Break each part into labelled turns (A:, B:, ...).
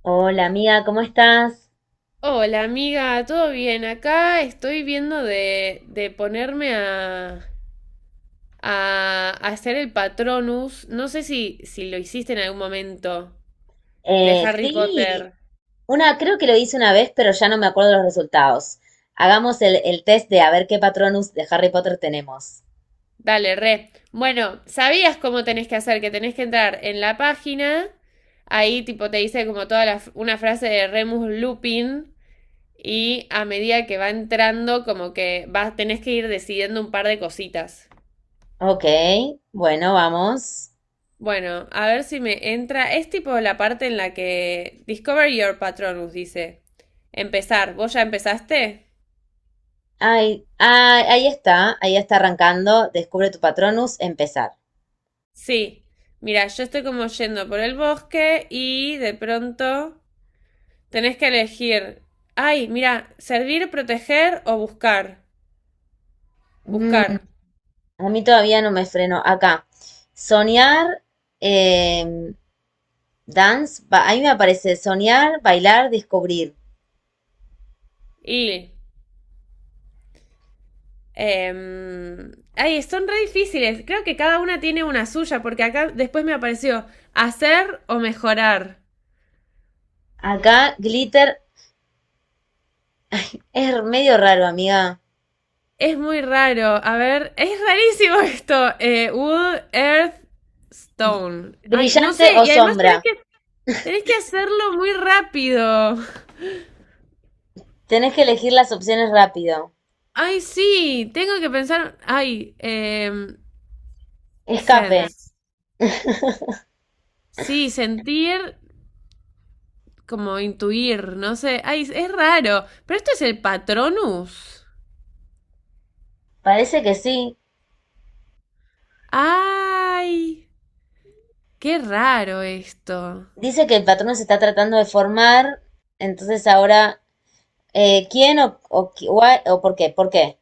A: Hola amiga, ¿cómo estás?
B: Hola amiga, ¿todo bien? Acá estoy viendo de ponerme a hacer el Patronus. No sé si lo hiciste en algún momento de Harry No.
A: Sí,
B: Potter.
A: una, creo que lo hice una vez, pero ya no me acuerdo los resultados. Hagamos el test de a ver qué Patronus de Harry Potter tenemos.
B: Dale, re. Bueno, sabías cómo tenés que hacer, que tenés que entrar en la página. Ahí tipo te dice como toda una frase de Remus Lupin y a medida que va entrando como que vas, tenés que ir decidiendo un par de cositas.
A: Ok, bueno, vamos.
B: Bueno, a ver si me entra. Es tipo la parte en la que Discover Your Patronus dice. Empezar. ¿Vos ya empezaste?
A: Ay, ahí está arrancando. Descubre tu Patronus, empezar.
B: Sí. Mira, yo estoy como yendo por el bosque y de pronto tenés que elegir. Ay, mira, servir, proteger o buscar.
A: Mm,
B: Buscar.
A: a mí todavía no me freno. Acá. Soñar, eh, dance, ahí me aparece soñar, bailar, descubrir.
B: Y... Ay, son re difíciles. Creo que cada una tiene una suya porque acá después me apareció hacer o mejorar.
A: Acá, glitter, es medio raro, amiga.
B: Es muy raro. A ver, es rarísimo esto. Wood, Earth, Stone. Ay, no
A: Brillante
B: sé.
A: o
B: Y además
A: sombra.
B: tenés que hacerlo muy rápido.
A: Tenés que elegir las opciones rápido.
B: Ay, sí. Tengo que pensar.
A: Escape.
B: Sense. Sí, sentir como intuir. No sé. Ay, es raro. Pero esto es el Patronus.
A: Parece que sí.
B: Ay, qué raro esto.
A: Dice que el patrón se está tratando de formar. Entonces ahora, ¿quién o por qué? ¿Por qué?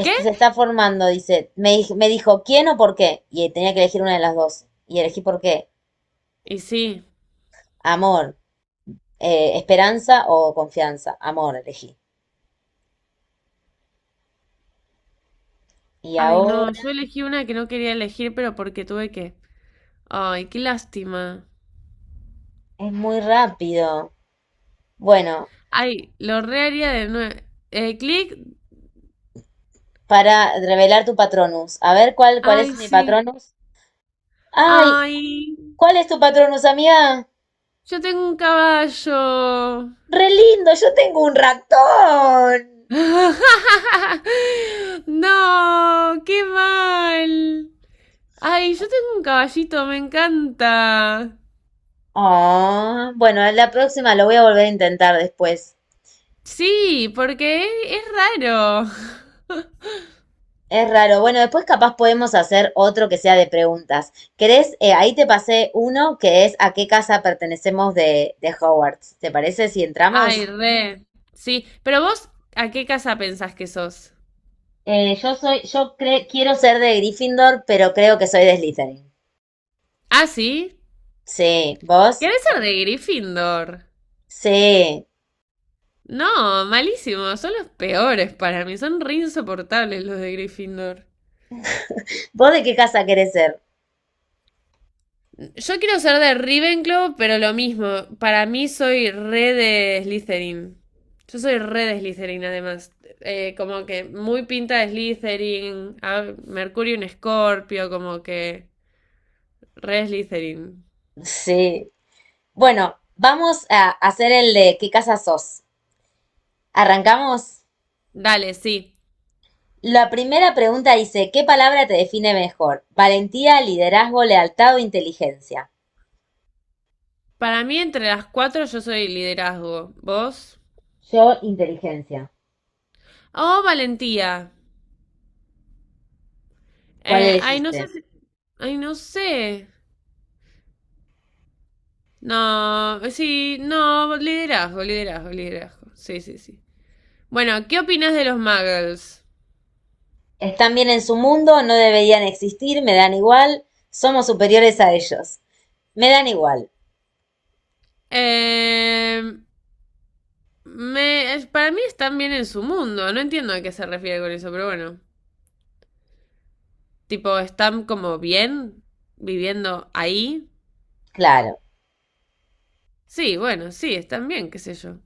B: ¿Qué?
A: se está formando, dice. Me dijo, ¿quién o por qué? Y tenía que elegir una de las dos. Y elegí por qué.
B: Y sí.
A: Amor, esperanza o confianza. Amor, elegí. Y
B: Ay,
A: ahora
B: no. Yo elegí una que no quería elegir, pero porque tuve que. Ay, qué lástima.
A: es muy rápido. Bueno,
B: Ay, lo reharía de nuevo. Clic.
A: para revelar tu patronus. A ver cuál es
B: Ay,
A: mi
B: sí.
A: patronus. Ay,
B: Ay,
A: ¿cuál es tu patronus, amiga?
B: yo tengo un caballo.
A: Re lindo, yo tengo un ratón.
B: No, qué mal. Ay, yo tengo un caballito, me encanta.
A: Oh, bueno, la próxima lo voy a volver a intentar después.
B: Sí, es raro.
A: Es raro. Bueno, después capaz podemos hacer otro que sea de preguntas. ¿Querés? Ahí te pasé uno que es ¿a qué casa pertenecemos de Hogwarts? ¿Te parece si entramos?
B: Ay, re. Sí, pero vos, ¿a qué casa pensás que sos?
A: Yo soy, yo cre- quiero ser de Gryffindor, pero creo que soy de Slytherin.
B: Ah, sí.
A: Sí, ¿vos?
B: ¿Querés ser de Gryffindor?
A: Sí.
B: No, malísimo. Son los peores para mí. Son re insoportables los de Gryffindor.
A: ¿Vos de qué casa querés ser?
B: Yo quiero ser de Ravenclaw, pero lo mismo. Para mí soy re de Slytherin. Yo soy re de Slytherin, además. Como que muy pinta de Slytherin. Mercurio un Escorpio, como que re Slytherin.
A: Sí. Bueno, vamos a hacer el de ¿qué casa sos? ¿Arrancamos?
B: Dale, sí.
A: La primera pregunta dice, ¿qué palabra te define mejor? Valentía, liderazgo, lealtad o inteligencia.
B: Para mí, entre las cuatro, yo soy liderazgo. ¿Vos?
A: Yo, inteligencia.
B: Oh, valentía.
A: ¿Cuál
B: No sé
A: elegiste?
B: si... Ay, no sé. No, sí, no, liderazgo, liderazgo, liderazgo. Sí, sí, sí. Bueno, ¿qué opinas de los muggles?
A: Están bien en su mundo, no deberían existir, me dan igual, somos superiores a ellos. Me dan igual,
B: Eh, para mí están bien en su mundo. No entiendo a qué se refiere con eso, pero bueno. Tipo, están como bien viviendo ahí.
A: claro.
B: Sí, bueno, sí, están bien, qué sé yo.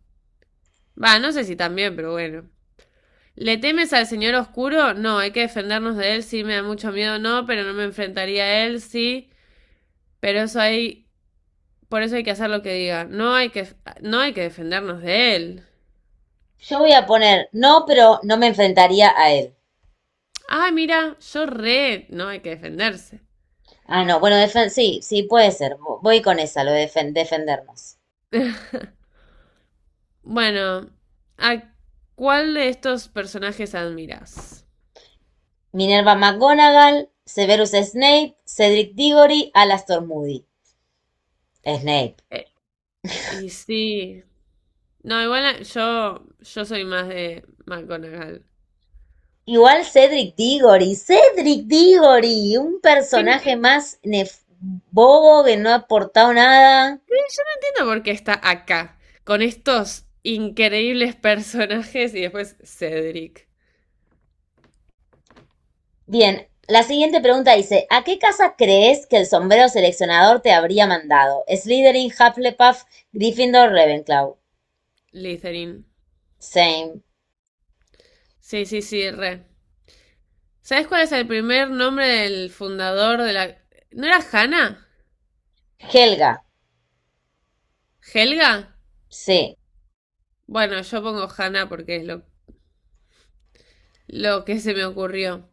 B: Va, no sé si están bien, pero bueno. ¿Le temes al señor oscuro? No, hay que defendernos de él. Sí, me da mucho miedo, no, pero no me enfrentaría a él, sí. Pero eso hay Por eso hay que hacer lo que diga. No hay que defendernos de él.
A: Yo voy a poner no, pero no me enfrentaría a él.
B: Ah, mira, yo re. No hay que defenderse.
A: Ah, no, bueno, sí, sí, puede ser. Voy con esa, lo de defendernos.
B: Bueno, ¿a cuál de estos personajes admiras?
A: Minerva McGonagall, Severus Snape, Cedric Diggory, Alastor Moody. Snape.
B: Eh, y sí. No, yo soy más de McGonagall.
A: Igual Cedric Diggory, Cedric Diggory, un
B: Sin, Yo
A: personaje más bobo que no ha aportado nada.
B: no entiendo por qué está acá, con estos increíbles personajes y después Cedric.
A: Bien, la siguiente pregunta dice, ¿a qué casa crees que el sombrero seleccionador te habría mandado? Slytherin, Hufflepuff, Gryffindor, Ravenclaw.
B: Litherin.
A: Same.
B: Sí, sí, sí, re. ¿Sabes cuál es el primer nombre del fundador de la... ¿No era Hanna?
A: Helga,
B: ¿Helga?
A: sí.
B: Bueno, yo pongo Hanna porque es lo que se me ocurrió.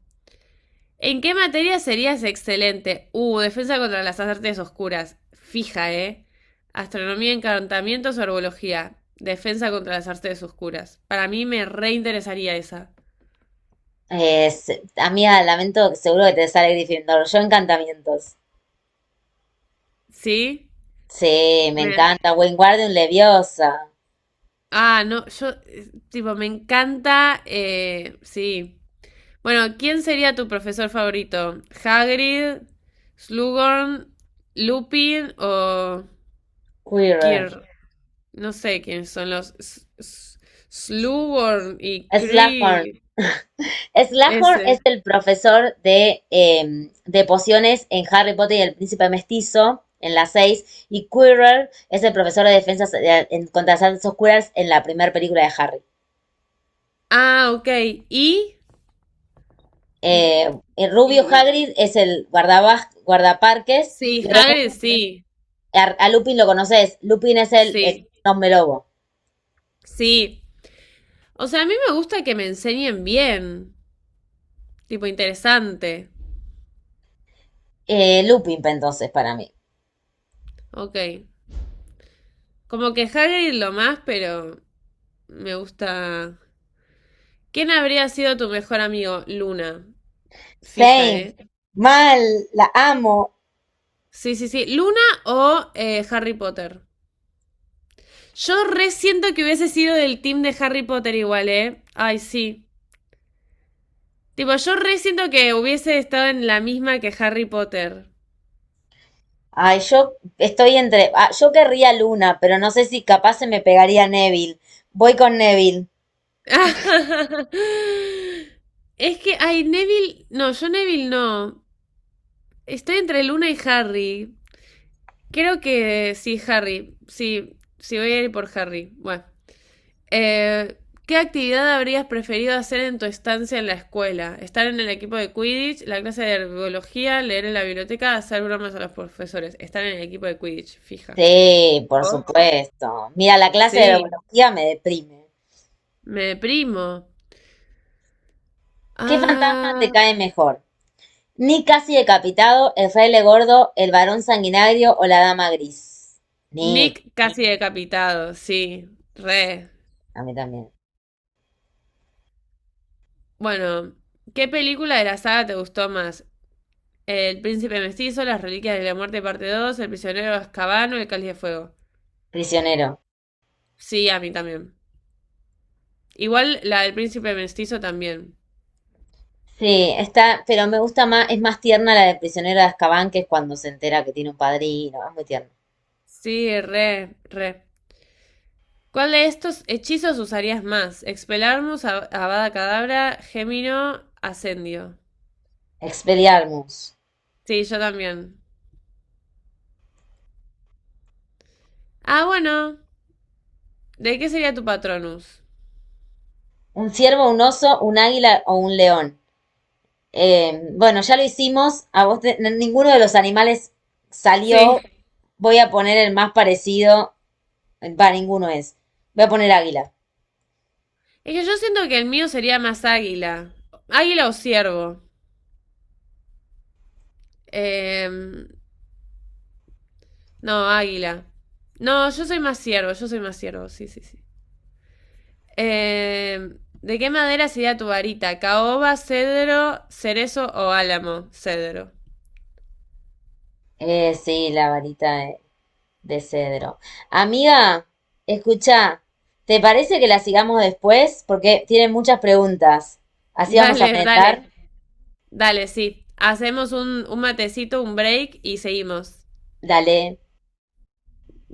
B: ¿En qué materia serías excelente? Defensa contra las artes oscuras. Fija, ¿eh? Astronomía, encantamientos o herbología. Defensa contra las artes oscuras. Para mí me reinteresaría esa.
A: Es, amiga, lamento, seguro que te sale Gryffindor. Yo encantamientos.
B: ¿Sí?
A: Sí, me
B: Me...
A: encanta. Wingardium Leviosa.
B: Ah, no, yo, Tipo, me encanta, sí. Bueno, ¿quién sería tu profesor favorito? ¿Hagrid, Slughorn, Lupin o
A: Quirrell.
B: Kir? No sé quiénes son los Slughorn y
A: Slughorn.
B: Cree.
A: Slughorn es
B: Ese.
A: el profesor de pociones en Harry Potter y el Príncipe Mestizo, en la seis. Y Quirrell es el profesor de contra las artes oscuras en la primera película de Harry.
B: Ah, ok. ¿Y? Y,
A: Y Rubio
B: y-
A: Hagrid es el guardaparques.
B: sí,
A: Y
B: Hagrid sí.
A: A Lupin lo conoces. Lupin es el
B: Sí.
A: hombre lobo.
B: Sí. O sea, a mí me gusta que me enseñen bien. Tipo interesante.
A: Lupin, pa, entonces, para mí.
B: Ok. Como que Hagrid lo más, pero me gusta. ¿Quién habría sido tu mejor amigo? Luna. Fija,
A: Same.
B: ¿eh?
A: Mal, la amo.
B: Sí, sí, sí. ¿Luna o Harry Potter? Yo re siento que hubiese sido del team de Harry Potter igual, ¿eh? Ay, sí. Tipo, yo re siento que hubiese estado en la misma que Harry Potter.
A: Ay, yo estoy entre. Ah, yo querría Luna, pero no sé si capaz se me pegaría Neville. Voy con Neville.
B: Es que, ay, Neville. No, yo Neville no. Estoy entre Luna y Harry. Creo que sí, Harry. Sí, sí, voy a ir por Harry. Bueno. Eh, ¿Qué actividad habrías preferido hacer en tu estancia en la escuela? ¿Estar en el equipo de Quidditch, la clase de herbología, leer en la biblioteca, hacer bromas a los profesores? Estar en el equipo de Quidditch, fija.
A: Sí, por
B: ¿Vos?
A: supuesto. Mira, la clase de
B: Sí,
A: herbología me deprime.
B: me deprimo.
A: ¿Qué fantasma te
B: Ah,
A: cae mejor? Nick casi decapitado, el fraile gordo, el varón sanguinario o la dama gris. Nick,
B: Nick casi decapitado, sí, re.
A: a mí también.
B: Bueno, ¿qué película de la saga te gustó más? El Príncipe Mestizo, Las Reliquias de la Muerte, parte 2, El Prisionero de Azkaban o El Cáliz de Fuego.
A: Prisionero.
B: Sí, a mí también. Igual la del príncipe mestizo también.
A: Sí, está, pero me gusta más, es más tierna la de prisionero de Azkaban, que es cuando se entera que tiene un padrino. Es muy tierna.
B: Sí, re, re. ¿Cuál de estos hechizos usarías más? Expelarmus, Avada Cadabra, Gémino, Ascendio.
A: Expelliarmus.
B: Sí, yo también. Ah, bueno. ¿De qué sería tu Patronus?
A: Un ciervo, un oso, un águila o un león. Bueno, ya lo hicimos. A vos te- ninguno de los animales
B: Sí.
A: salió. Voy a poner el más parecido. Va, ninguno es. Voy a poner águila.
B: Es que yo siento que el mío sería más águila. Águila o ciervo. Em, no, águila. No, yo soy más ciervo, sí, sí, sí. Eh, ¿De qué madera sería tu varita? ¿Caoba, cedro, cerezo o álamo? Cedro.
A: Sí, la varita de cedro. Amiga, escucha, ¿te parece que la sigamos después? Porque tienen muchas preguntas. Así vamos a
B: Dale,
A: merendar.
B: dale, dale, sí. Hacemos un matecito, un break y seguimos.
A: Dale.